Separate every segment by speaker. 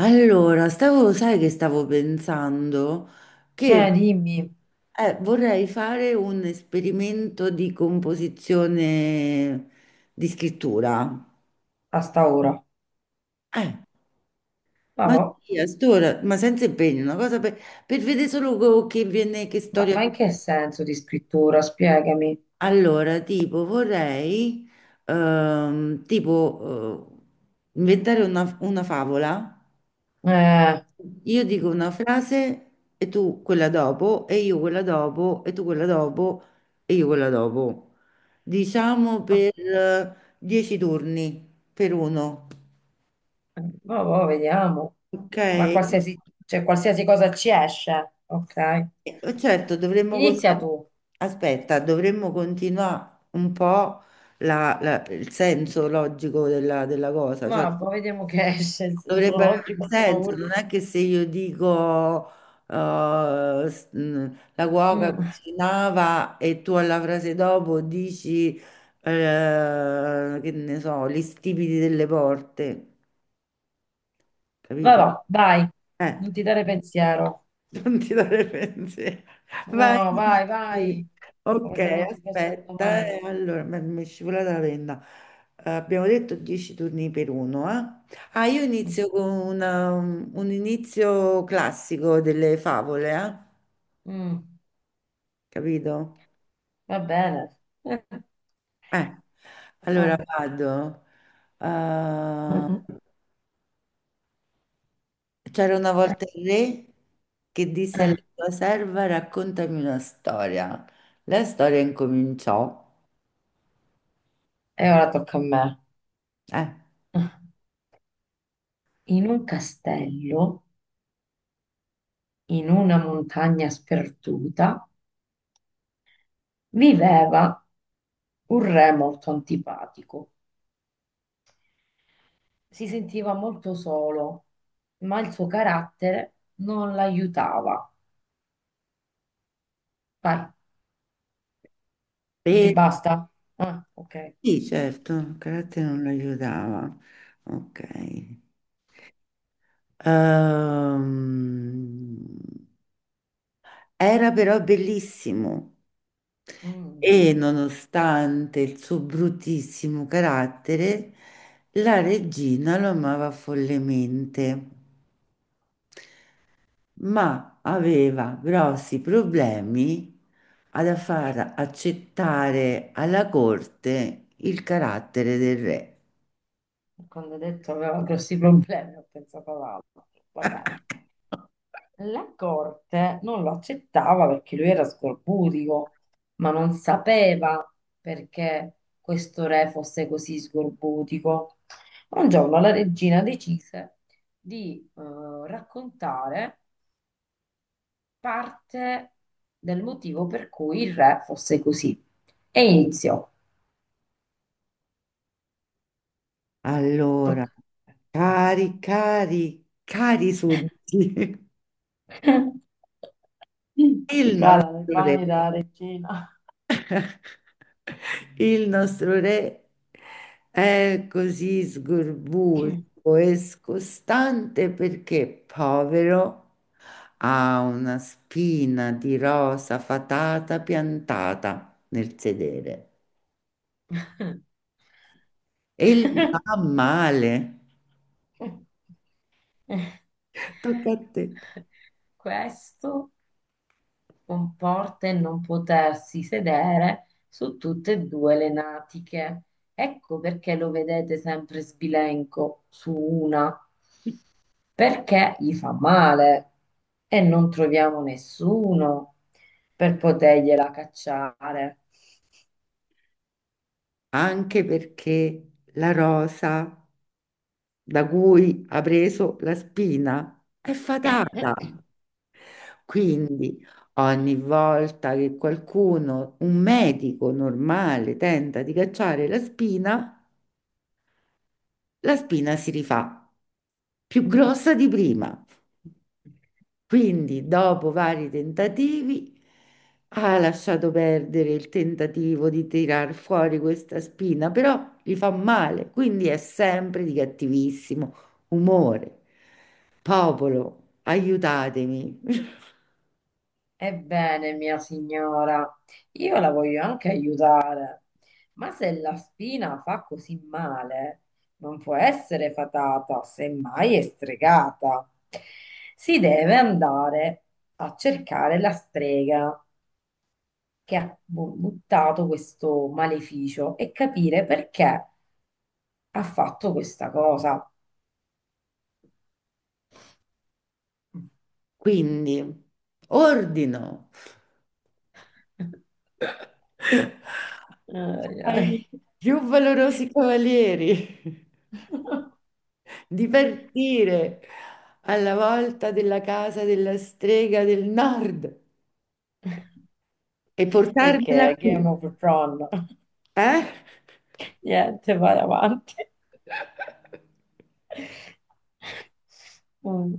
Speaker 1: Allora, stavo, sai che stavo pensando?
Speaker 2: Dimmi,
Speaker 1: Vorrei fare un esperimento di composizione di scrittura.
Speaker 2: a sta ora.
Speaker 1: Eh,
Speaker 2: Ma,
Speaker 1: ma sì, a st'ora, ma senza impegno, una cosa per vedere solo che viene, che storia.
Speaker 2: ma in che senso di scrittura? Spiegami.
Speaker 1: Allora, tipo, vorrei, tipo, inventare una favola.
Speaker 2: Eh,
Speaker 1: Io dico una frase e tu quella dopo, e io quella dopo, e tu quella dopo, e io quella dopo. Diciamo per 10 turni, per uno.
Speaker 2: ma va, vediamo.
Speaker 1: Ok?
Speaker 2: Ma qualsiasi, cioè, qualsiasi cosa ci esce. Ok.
Speaker 1: Certo, dovremmo...
Speaker 2: Inizia tu.
Speaker 1: Aspetta, dovremmo continuare un po' il senso logico della cosa. Cioè,
Speaker 2: Ma va, vediamo che esce il senso
Speaker 1: dovrebbe avere un
Speaker 2: logico. A sta
Speaker 1: senso,
Speaker 2: ora.
Speaker 1: non è che se io dico eh, s- mh, la cuoca
Speaker 2: Mm.
Speaker 1: cucinava e tu alla frase dopo dici che ne so, gli stipiti delle porte,
Speaker 2: Va,
Speaker 1: capito?
Speaker 2: va, vai.
Speaker 1: Eh,
Speaker 2: Non ti dare pensiero.
Speaker 1: Non ti dare pensiero. Vai.
Speaker 2: No, vai,
Speaker 1: Sì.
Speaker 2: vai.
Speaker 1: Ok,
Speaker 2: Come se non ci fosse un
Speaker 1: aspetta.
Speaker 2: domani.
Speaker 1: Allora, mi è scivolata la penna. Abbiamo detto 10 turni per uno, eh? Ah, io
Speaker 2: Mm.
Speaker 1: inizio con un inizio classico delle favole, eh?
Speaker 2: Mm.
Speaker 1: Capito?
Speaker 2: Va bene.
Speaker 1: Eh, allora
Speaker 2: Eh,
Speaker 1: vado. Eh,
Speaker 2: eh,
Speaker 1: c'era una
Speaker 2: eh,
Speaker 1: volta il re che disse alla
Speaker 2: eh.
Speaker 1: sua serva, raccontami una storia. La storia incominciò.
Speaker 2: E ora tocca a me. In un castello, in una montagna sperduta, viveva un re molto antipatico. Si sentiva molto solo, ma il suo carattere non l'aiutava. Vai, non ti
Speaker 1: Eh.
Speaker 2: basta? Ah, ok.
Speaker 1: Sì, certo, il carattere non lo aiutava. Ok. Ehm, Era però bellissimo
Speaker 2: Mm.
Speaker 1: e nonostante il suo bruttissimo carattere, la regina lo amava follemente, ma aveva grossi problemi ad far accettare alla corte il carattere del re.
Speaker 2: Quando ha detto aveva grossi problemi, ho pensato ad altro. Va bene. La corte non lo accettava perché lui era sgorbutico, ma non sapeva perché questo re fosse così sgorbutico. Un giorno la regina decise di raccontare parte del motivo per cui il re fosse così e iniziò.
Speaker 1: Allora.
Speaker 2: Tocca a
Speaker 1: Cari, cari, cari sudditi,
Speaker 2: te. Si
Speaker 1: il nostro
Speaker 2: cala le
Speaker 1: re,
Speaker 2: panni della regina.
Speaker 1: il nostro re è così sgorbuto e scostante perché, povero, ha una spina di rosa fatata piantata nel sedere e gli fa male. Tocca a te.
Speaker 2: Questo comporta il non potersi sedere su tutte e due le natiche. Ecco perché lo vedete sempre sbilenco su una, perché gli fa male e non troviamo nessuno per potergliela cacciare.
Speaker 1: Anche perché la rosa da cui ha preso la spina è fatata. Quindi ogni volta che qualcuno, un medico normale, tenta di cacciare la spina si rifà più grossa di prima. Quindi, dopo vari tentativi, ha lasciato perdere il tentativo di tirar fuori questa spina, però gli fa male, quindi è sempre di cattivissimo umore. Popolo, aiutatemi.
Speaker 2: Ebbene, mia signora, io la voglio anche aiutare, ma se la spina fa così male, non può essere fatata, semmai è stregata. Si deve andare a cercare la strega che ha buttato questo maleficio e capire perché ha fatto questa cosa.
Speaker 1: Quindi, ordino
Speaker 2: Ai, ai.
Speaker 1: ai più valorosi cavalieri di partire alla volta della casa della strega del nord e portarmela
Speaker 2: Perché è
Speaker 1: qui.
Speaker 2: Game of Thrones.
Speaker 1: Eh?
Speaker 2: Niente, vai avanti. Mm.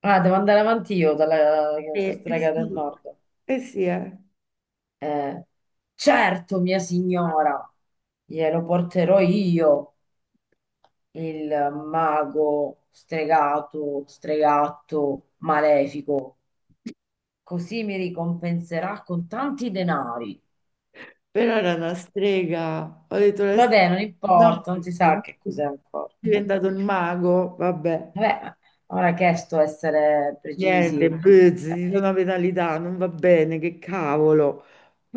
Speaker 2: Ah, devo andare avanti io dalla
Speaker 1: Eh
Speaker 2: strega
Speaker 1: sì,
Speaker 2: del nord.
Speaker 1: eh sì, eh.
Speaker 2: Eh, certo, mia signora, glielo porterò io, il mago stregato, stregatto, malefico. Così mi ricompenserà con tanti denari.
Speaker 1: Però era una strega. Ho detto la strega,
Speaker 2: Vabbè, non
Speaker 1: no,
Speaker 2: importa, non si sa che
Speaker 1: è
Speaker 2: cos'è ancora.
Speaker 1: diventato un mago, vabbè.
Speaker 2: Vabbè, ora che è sto essere
Speaker 1: Niente,
Speaker 2: precisi,
Speaker 1: buzz, ci
Speaker 2: Eh,
Speaker 1: sono penalità, non va bene, che cavolo.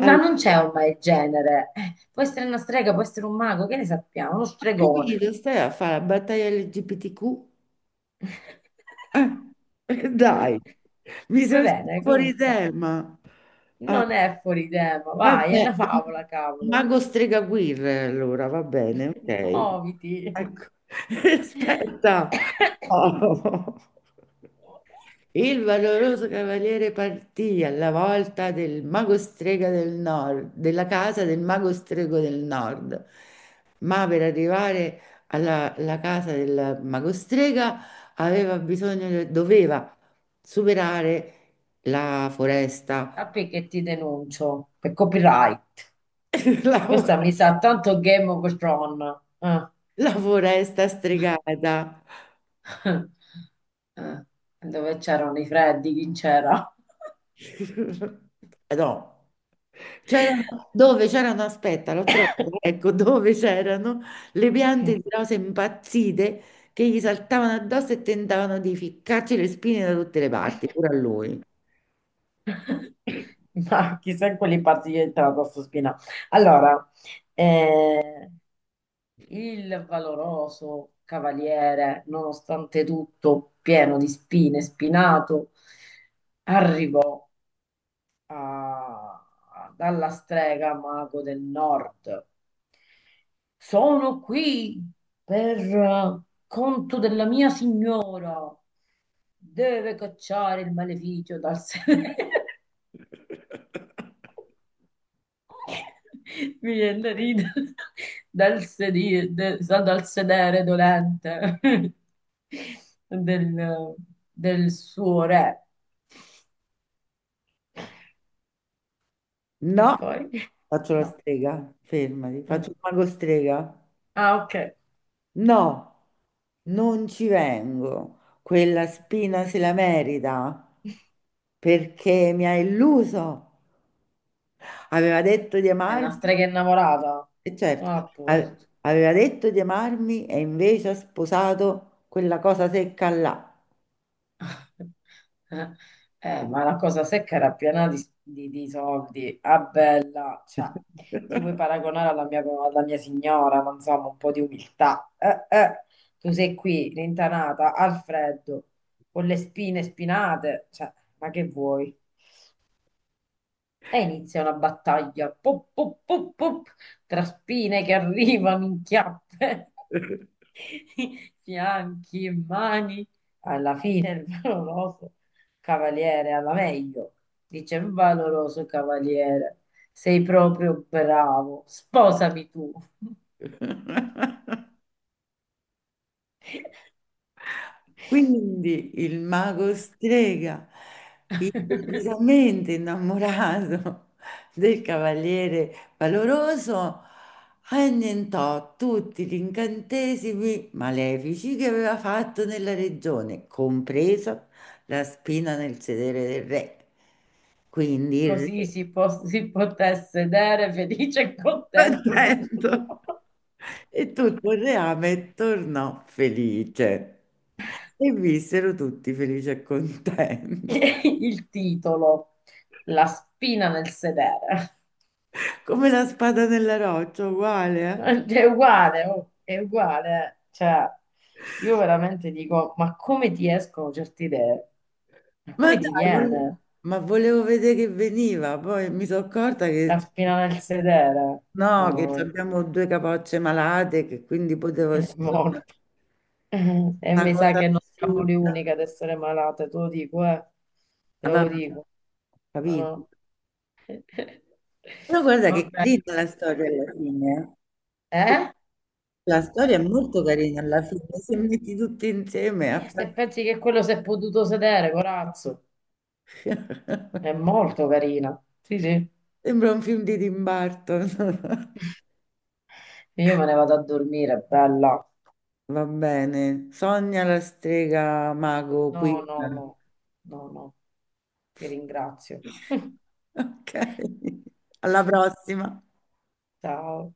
Speaker 2: ma non c'è ormai il genere. Può essere una strega, può essere un mago, che ne sappiamo? Uno
Speaker 1: ho
Speaker 2: stregone.
Speaker 1: capito, stai a fare la battaglia LGBTQ? Dai, mi
Speaker 2: Va
Speaker 1: sei uscito
Speaker 2: bene,
Speaker 1: fuori
Speaker 2: comunque,
Speaker 1: tema. Ah.
Speaker 2: non è fuori tema, vai, è
Speaker 1: Vabbè,
Speaker 2: una favola,
Speaker 1: il
Speaker 2: cavolo.
Speaker 1: mago Stregaguirre, allora va bene, ok.
Speaker 2: Muoviti.
Speaker 1: Ecco. Aspetta. Oh. Il valoroso cavaliere partì alla volta del mago strega del nord, della casa del mago strego del nord, ma per arrivare alla casa del mago strega aveva bisogno, doveva superare la foresta.
Speaker 2: Sappi che ti denuncio per copyright.
Speaker 1: La
Speaker 2: Questa mi
Speaker 1: foresta.
Speaker 2: sa tanto Game of Thrones.
Speaker 1: La foresta stregata.
Speaker 2: Eh, dove c'erano i freddi, chi c'era?
Speaker 1: No. C'erano, dove c'erano, aspetta, l'ho trovato, ecco, dove c'erano le piante di rose impazzite che gli saltavano addosso e tentavano di ficcarci le spine da tutte le parti, pure a lui.
Speaker 2: Ma chissà in quali parti è entrata sto spina. Allora, eh, il valoroso cavaliere, nonostante tutto pieno di spine, spinato, arrivò a- dalla strega mago del nord. Sono qui per conto della mia signora. Deve cacciare il maleficio dal sedere. Mi viene da ridere dal sedere dolente del, del suo re. E
Speaker 1: No,
Speaker 2: poi?
Speaker 1: faccio la
Speaker 2: No,
Speaker 1: strega, fermati,
Speaker 2: no,
Speaker 1: faccio
Speaker 2: no.
Speaker 1: il mago strega.
Speaker 2: Ah, ok.
Speaker 1: No, non ci vengo. Quella spina se la merita perché mi ha illuso. Aveva detto di
Speaker 2: È una
Speaker 1: amarmi,
Speaker 2: strega innamorata.
Speaker 1: e certo,
Speaker 2: Ah, a
Speaker 1: a-
Speaker 2: posto.
Speaker 1: aveva detto di amarmi e invece ha sposato quella cosa secca là.
Speaker 2: Eh, eh, ma la cosa secca era piena di, di soldi. Ah, bella, cioè, ti vuoi paragonare alla mia signora, ma insomma, un po' di umiltà. Eh, tu sei qui, rintanata, al freddo, con le spine spinate, cioè, ma che vuoi? E inizia una battaglia, pop, pop, pop, pop, tra spine che arrivano in chiappe. fianchi e mani, alla fine il valoroso cavaliere, alla meglio, dice il valoroso cavaliere, sei proprio bravo, sposami tu.
Speaker 1: Quindi il mago strega, improvvisamente innamorato del cavaliere valoroso, annientò tutti gli incantesimi malefici che aveva fatto nella regione, compresa la spina nel sedere del re. Quindi il
Speaker 2: Così
Speaker 1: re
Speaker 2: si, si poté sedere felice e contento sul suo
Speaker 1: contento.
Speaker 2: trono.
Speaker 1: E tutto il reame tornò felice. E vissero tutti felici e contenti.
Speaker 2: Il titolo, la spina nel sedere.
Speaker 1: Come la spada nella roccia, uguale. Eh.
Speaker 2: È uguale, oh, è uguale. Eh. Cioè, io veramente dico, ma come ti escono certe idee? Ma
Speaker 1: Ma
Speaker 2: come ti
Speaker 1: dai,
Speaker 2: viene
Speaker 1: ma volevo vedere che veniva, poi mi sono accorta
Speaker 2: la
Speaker 1: che
Speaker 2: spina nel sedere?
Speaker 1: no, che
Speaker 2: No,
Speaker 1: abbiamo due capocce malate, che quindi potevo
Speaker 2: è molto.
Speaker 1: scegliere
Speaker 2: E
Speaker 1: una
Speaker 2: mi sa
Speaker 1: cosa
Speaker 2: che non siamo le
Speaker 1: assurda.
Speaker 2: uniche ad essere malate, te lo dico, eh. Te
Speaker 1: Ma
Speaker 2: lo
Speaker 1: vabbè,
Speaker 2: dico. No,
Speaker 1: capito?
Speaker 2: no.
Speaker 1: Però guarda
Speaker 2: Va
Speaker 1: che
Speaker 2: bene.
Speaker 1: carina la storia alla fine. Eh.
Speaker 2: Eh?
Speaker 1: La storia è molto carina alla fine, se metti tutti insieme
Speaker 2: Se pensi che quello si è potuto sedere, corazzo, è molto carina. Sì, sì.
Speaker 1: sembra un film di Tim Burton.
Speaker 2: Io me ne vado a dormire, bella.
Speaker 1: Va bene. Sogna la strega mago qui.
Speaker 2: No, no, no, no, no, ti ringrazio.
Speaker 1: Ok. Alla prossima.
Speaker 2: Ciao.